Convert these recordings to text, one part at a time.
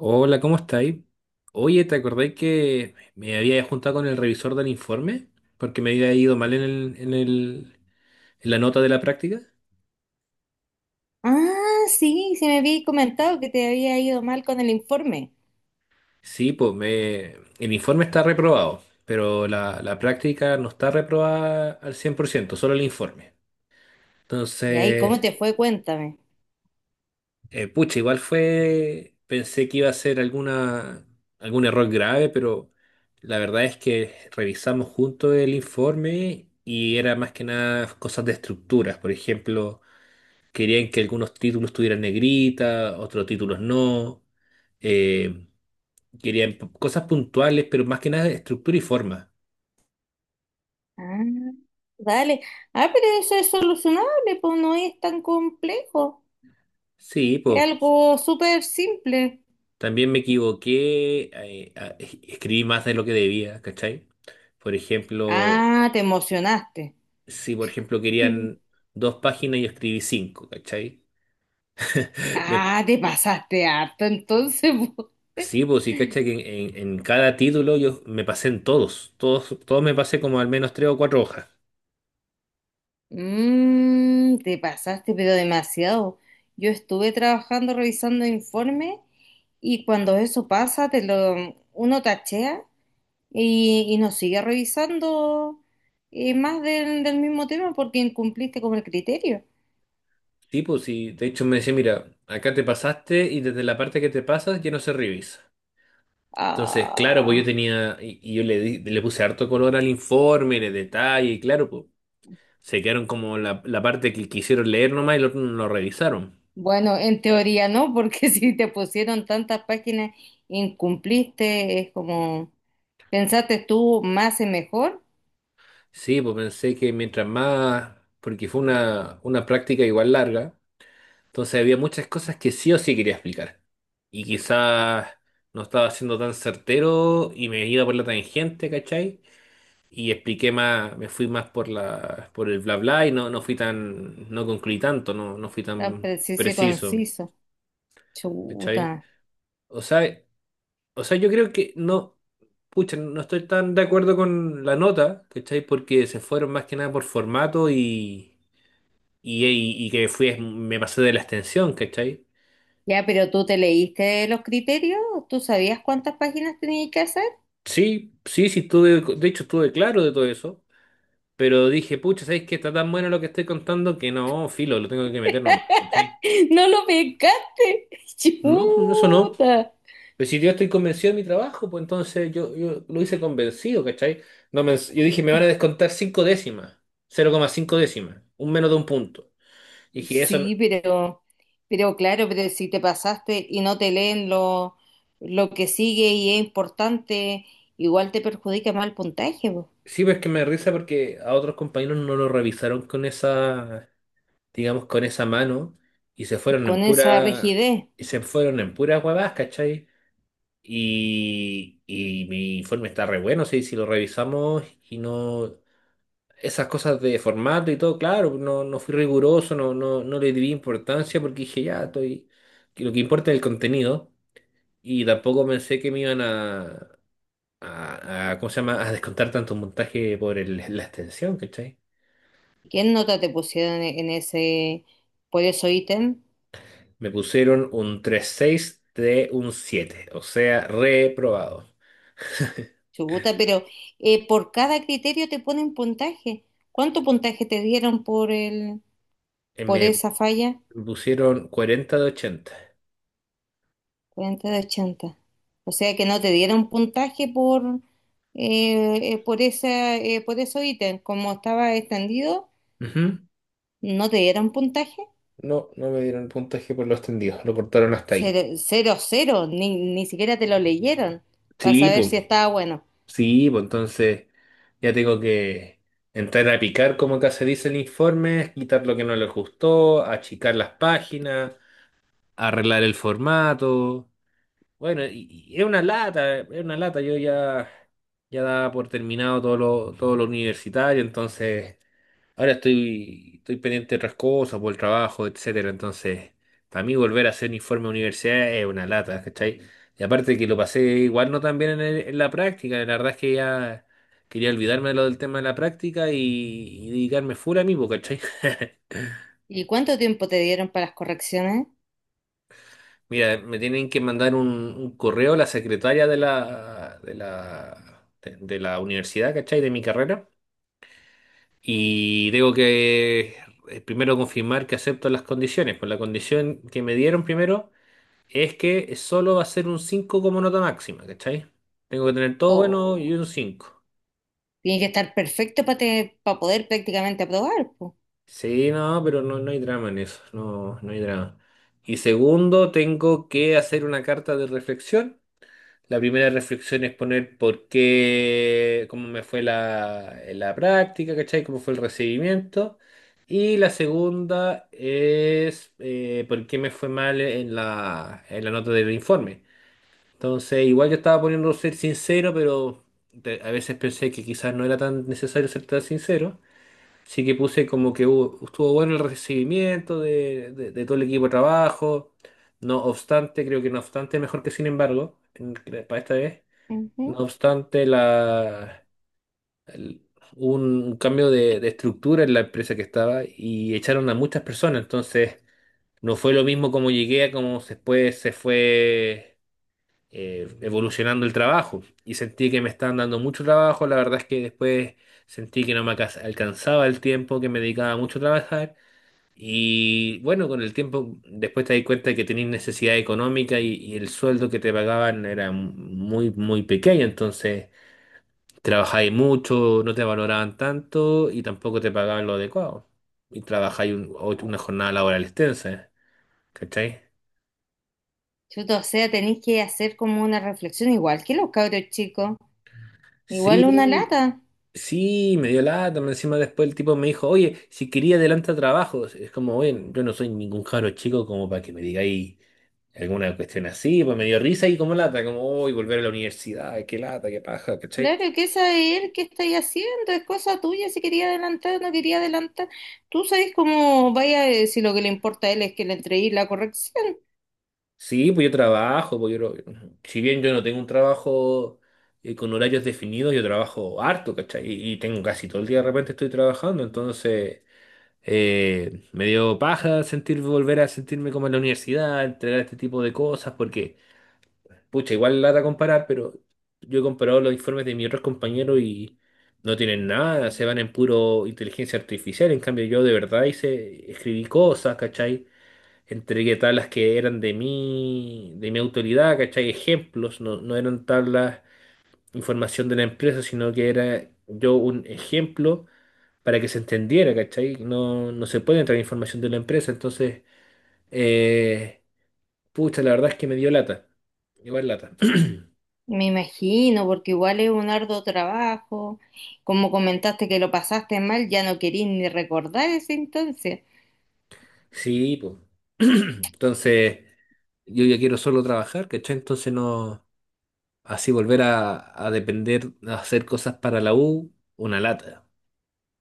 Hola, ¿cómo estáis? Oye, ¿te acordáis que me había juntado con el revisor del informe? Porque me había ido mal en la nota de la práctica. Ah, sí, sí me habías comentado que te había ido mal con el informe. Sí, pues, el informe está reprobado, pero la práctica no está reprobada al 100%, solo el informe. Y ahí, ¿cómo Entonces, te fue? Cuéntame. Pucha, igual fue, pensé que iba a ser algún error grave, pero la verdad es que revisamos juntos el informe y era más que nada cosas de estructuras. Por ejemplo, querían que algunos títulos tuvieran negrita, otros títulos no. eh, querían cosas puntuales, pero más que nada de estructura y forma. Ah, dale. Ah, pero eso es solucionable, pues no es tan complejo. Sí, Es pues algo súper simple. también me equivoqué, escribí más de lo que debía, ¿cachai? Por ejemplo. Ah, te emocionaste. Si, por ejemplo, Mm. querían dos páginas y escribí cinco, ¿cachai? Me- Ah, te pasaste harto entonces. po. sí, pues sí, ¿cachai? Que en cada título yo me pasé en todos, todos, todos me pasé como al menos tres o cuatro hojas. Mm, te pasaste, pero demasiado. Yo estuve trabajando revisando informes y cuando eso pasa, te lo, uno tachea y, nos sigue revisando más del mismo tema porque incumpliste con el criterio. Sí, pues sí, de hecho me decía, mira, acá te pasaste y desde la parte que te pasas ya no se revisa. Entonces, claro, pues yo Ah, tenía, y yo le puse harto color al informe, le detalle, y claro, pues se quedaron como la parte que quisieron leer nomás y no lo revisaron. bueno, en teoría no, porque si te pusieron tantas páginas, incumpliste, es como, pensaste tú más y mejor, Sí, pues pensé que mientras más, porque fue una práctica igual larga, entonces había muchas cosas que sí o sí quería explicar. Y quizás no estaba siendo tan certero y me iba por la tangente, ¿cachai? Y expliqué más, me fui más por el bla bla y no, no fui tan, no concluí tanto, no, no fui tan tan preciso y preciso, conciso. ¿cachai? Chuta. O sea, o sea, yo creo que no, pucha, no estoy tan de acuerdo con la nota, ¿cachai? Porque se fueron más que nada por formato y me pasé de la extensión, ¿cachai? Ya, pero tú te leíste los criterios, tú sabías cuántas páginas tenías que hacer. Sí, sí, sí, de hecho estuve claro de todo eso, pero dije, pucha, ¿sabes qué? Está tan bueno lo que estoy contando que no, filo, lo tengo que meter nomás, ¿cachai? No lo pescaste. No, no, eso no. Chuta. Pero si yo estoy convencido de mi trabajo, pues entonces yo lo hice convencido, ¿cachai? No me- yo dije, me van a descontar cinco décimas, 0,5 décimas, un menos de un punto. Y dije, eso no. Sí, pero claro, pero si te pasaste y no te leen lo que sigue y es importante, igual te perjudica más el puntaje, po, Sí, pero es que me da risa porque a otros compañeros no lo revisaron con esa, digamos, con esa mano y con esa rigidez. Se fueron en puras huevadas, ¿cachai? Y mi informe está re bueno, sí, si lo revisamos y no, esas cosas de formato y todo, claro, no, no fui riguroso, no, no, no le di importancia porque dije, ya, que lo que importa es el contenido y tampoco pensé que me iban a, ¿cómo se llama?, a descontar tanto montaje la extensión, ¿cachai? ¿Qué nota te pusieron en ese, por eso ítem? Me pusieron un tres seis de un 7, o sea, reprobado. Chubuta, pero por cada criterio te ponen puntaje. ¿Cuánto puntaje te dieron por el, por Me esa falla? pusieron 40 de 80. 40 de 80. O sea que no te dieron puntaje por esa, por esos ítems. Como estaba extendido, Ujú. no te dieron puntaje. No, no me dieron el puntaje por lo extendido, lo cortaron hasta ahí. Cero, cero, cero. Ni, ni siquiera te lo leyeron para Sí, saber pues, si estaba bueno. sí, pues entonces ya tengo que entrar a picar, como acá se dice en informes, quitar lo que no les gustó, achicar las páginas, arreglar el formato. Bueno, y es una lata, es una lata. Yo ya daba por terminado todo lo universitario, entonces ahora estoy pendiente de otras cosas, por el trabajo, etcétera. Entonces, para mí volver a hacer un informe de universidad es una lata, ¿cachai? Y aparte que lo pasé igual no tan bien en la práctica, la verdad es que ya quería olvidarme de lo del tema de la práctica y dedicarme full a mí, po, ¿cachai? ¿Y cuánto tiempo te dieron para las correcciones? Mira, me tienen que mandar un correo a la secretaria de la universidad, ¿cachai? De mi carrera. Y tengo que primero confirmar que acepto las condiciones. Pues la condición que me dieron primero es que solo va a ser un 5 como nota máxima, ¿cachai? Tengo que tener todo bueno O y un 5. tiene que estar perfecto para poder prácticamente aprobar, po. Sí, no, pero no, no hay drama en eso. No, no hay drama. Y segundo, tengo que hacer una carta de reflexión. La primera reflexión es poner por qué, cómo me fue la práctica, ¿cachai? Cómo fue el recibimiento. Y la segunda es por qué me fue mal en la nota del informe. Entonces, igual yo estaba poniendo ser sincero, pero a veces pensé que quizás no era tan necesario ser tan sincero. Así que puse como que estuvo bueno el recibimiento de todo el equipo de trabajo. No obstante, creo que no obstante es mejor que sin embargo, para esta vez. No Ujú. obstante, el- un cambio de estructura en la empresa que estaba y echaron a muchas personas. Entonces, no fue lo mismo como llegué a como después se fue evolucionando el trabajo. Y sentí que me estaban dando mucho trabajo. La verdad es que después sentí que no me alcanzaba el tiempo, que me dedicaba mucho a trabajar. Y bueno, con el tiempo después te das cuenta de que tenías necesidad económica y el sueldo que te pagaban era muy, muy pequeño. Entonces. Trabajáis mucho, no te valoraban tanto y tampoco te pagaban lo adecuado. Y trabajáis una jornada laboral extensa, ¿cachai? Chuta, o sea, tenéis que hacer como una reflexión igual que los cabros chicos. Igual una Sí, lata. sí, me dio lata, más encima después el tipo me dijo, oye, si quería adelanta trabajos. Es como, oye, yo no soy ningún cabro chico como para que me digáis alguna cuestión así, pues me dio risa y como lata, como, uy, volver a la universidad, qué lata, qué paja, ¿cachai? Claro, que esa de él, ¿qué estáis haciendo? Es cosa tuya, si quería adelantar o no quería adelantar. Tú sabes cómo vaya, si lo que le importa a él es que le entreguéis la corrección. Sí, pues yo trabajo, pues si bien yo no tengo un trabajo con horarios definidos, yo trabajo harto, ¿cachai? Y tengo casi todo el día de repente estoy trabajando, entonces me dio paja sentir, volver a sentirme como en la universidad, entregar este tipo de cosas, porque, pucha, igual lata comparar, pero yo he comparado los informes de mis otros compañeros y no tienen nada, se van en puro inteligencia artificial, en cambio yo de verdad hice, escribí cosas, ¿cachai? Entregué tablas que eran de mi autoridad, ¿cachai? Ejemplos, no, no eran tablas, información de la empresa, sino que era yo un ejemplo para que se entendiera, ¿cachai? No, no se puede entrar información de la empresa, entonces, eh, pucha, la verdad es que me dio lata, igual lata. Me imagino, porque igual es un arduo trabajo. Como comentaste que lo pasaste mal, ya no querís ni recordar ese entonces. Sí, pues. Entonces, yo ya quiero solo trabajar, ¿cachai? Entonces no, así volver a depender, a hacer cosas para la U, una lata.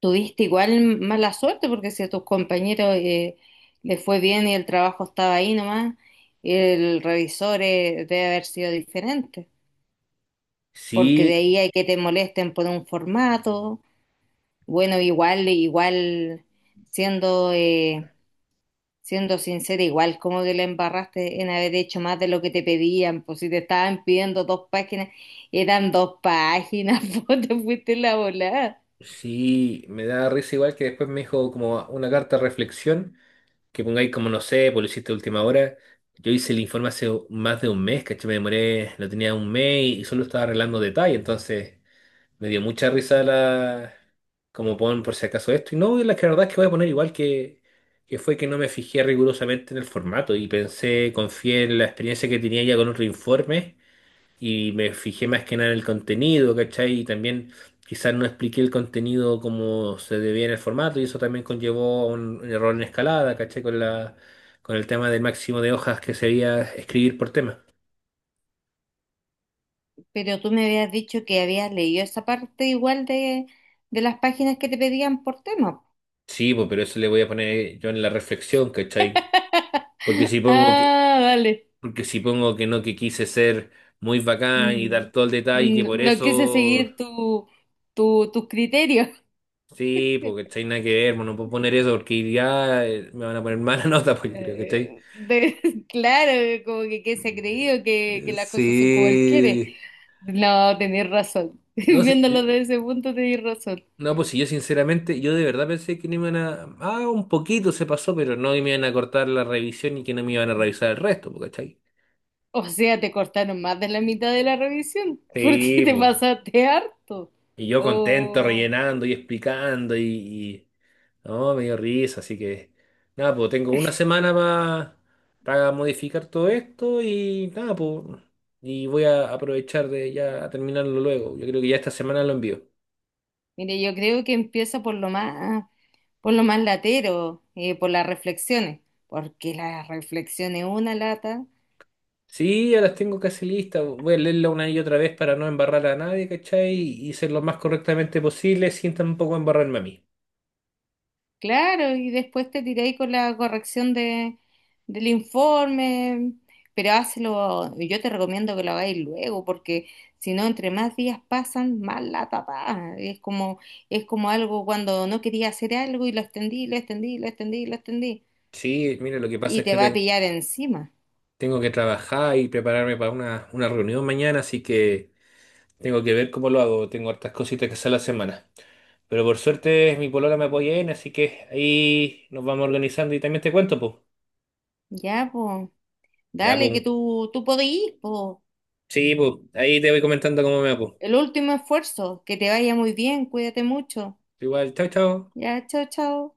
Tuviste igual mala suerte, porque si a tus compañeros les fue bien y el trabajo estaba ahí nomás, el revisor debe haber sido diferente. Porque de Sí, ahí hay que te molesten por un formato. Bueno, igual, igual, siendo, siendo sincera, igual como que la embarraste en haber hecho más de lo que te pedían, pues si te estaban pidiendo dos páginas, eran dos páginas, pues te fuiste la volada. sí, me da risa igual que después me dijo como una carta de reflexión, que pongáis como no sé, pues lo hiciste a última hora. Yo hice el informe hace más de un mes, ¿cachai? Me demoré, lo tenía un mes y solo estaba arreglando detalles, entonces me dio mucha risa la. Como pon por si acaso esto. Y no, y la verdad es que voy a poner igual que fue que no me fijé rigurosamente en el formato y pensé, confié en la experiencia que tenía ya con otro informe y me fijé más que nada en el contenido, ¿cachai? Y también quizás no expliqué el contenido como se debía en el formato y eso también conllevó a error en escalada, ¿cachai? Con el tema del máximo de hojas que sería escribir por tema. Pero tú me habías dicho que habías leído esa parte igual de las páginas que te pedían por tema. Sí, pues, pero eso le voy a poner yo en la reflexión, ¿cachai? Porque si pongo que, Ah, vale. porque si pongo que no, que quise ser muy bacán y Mm, dar todo el detalle que no, por no quise eso. seguir tu, tu, tus criterios. Sí, porque ¿cachai? Nada que ver, bueno, no puedo poner eso porque ya me van a poner mala nota, pues yo creo, que. De- claro, como que se ha creído que Eh, las cosas son como él quiere. Sí. No, tenés razón. No sé. Viéndolo desde ese punto, tenés razón. No, pues si yo sinceramente, yo de verdad pensé que no me iban a. Ah, un poquito se pasó, pero no me iban a cortar la revisión y que no me iban a revisar el resto, po, ¿cachai? O sea, te cortaron más de la mitad de la revisión. ¿Porque Sí, te po. pasaste harto? Y yo contento, Oh, rellenando y explicando. No, me dio risa, así que. Nada, pues tengo una semana para modificar todo esto y nada, pues. Y voy a aprovechar de ya terminarlo luego. Yo creo que ya esta semana lo envío. mire, yo creo que empieza por lo más latero, por las reflexiones. Porque las reflexiones una lata. Sí, ya las tengo casi listas. Voy a leerla una y otra vez para no embarrar a nadie, ¿cachai? Y ser lo más correctamente posible sin tampoco embarrarme a mí. Claro, y después te tiré ahí con la corrección de, del informe, pero hazlo, yo te recomiendo que lo hagáis luego, porque si no, entre más días pasan, más la tapa. Es como algo cuando no quería hacer algo y lo extendí, lo extendí, lo extendí, lo extendí, Sí, mire, lo que pasa y es te que va a pillar encima. tengo que trabajar y prepararme para una reunión mañana, así que tengo que ver cómo lo hago. Tengo hartas cositas que hacer la semana. Pero por suerte mi polola me apoya en, así que ahí nos vamos organizando y también te cuento, pues. Ya, pues, Ya, dale, que pues. tú podís, pues, Sí, pues. Ahí te voy comentando cómo me va, po. el último esfuerzo, que te vaya muy bien, cuídate mucho. Igual, chao, chao. Ya, chao, chao.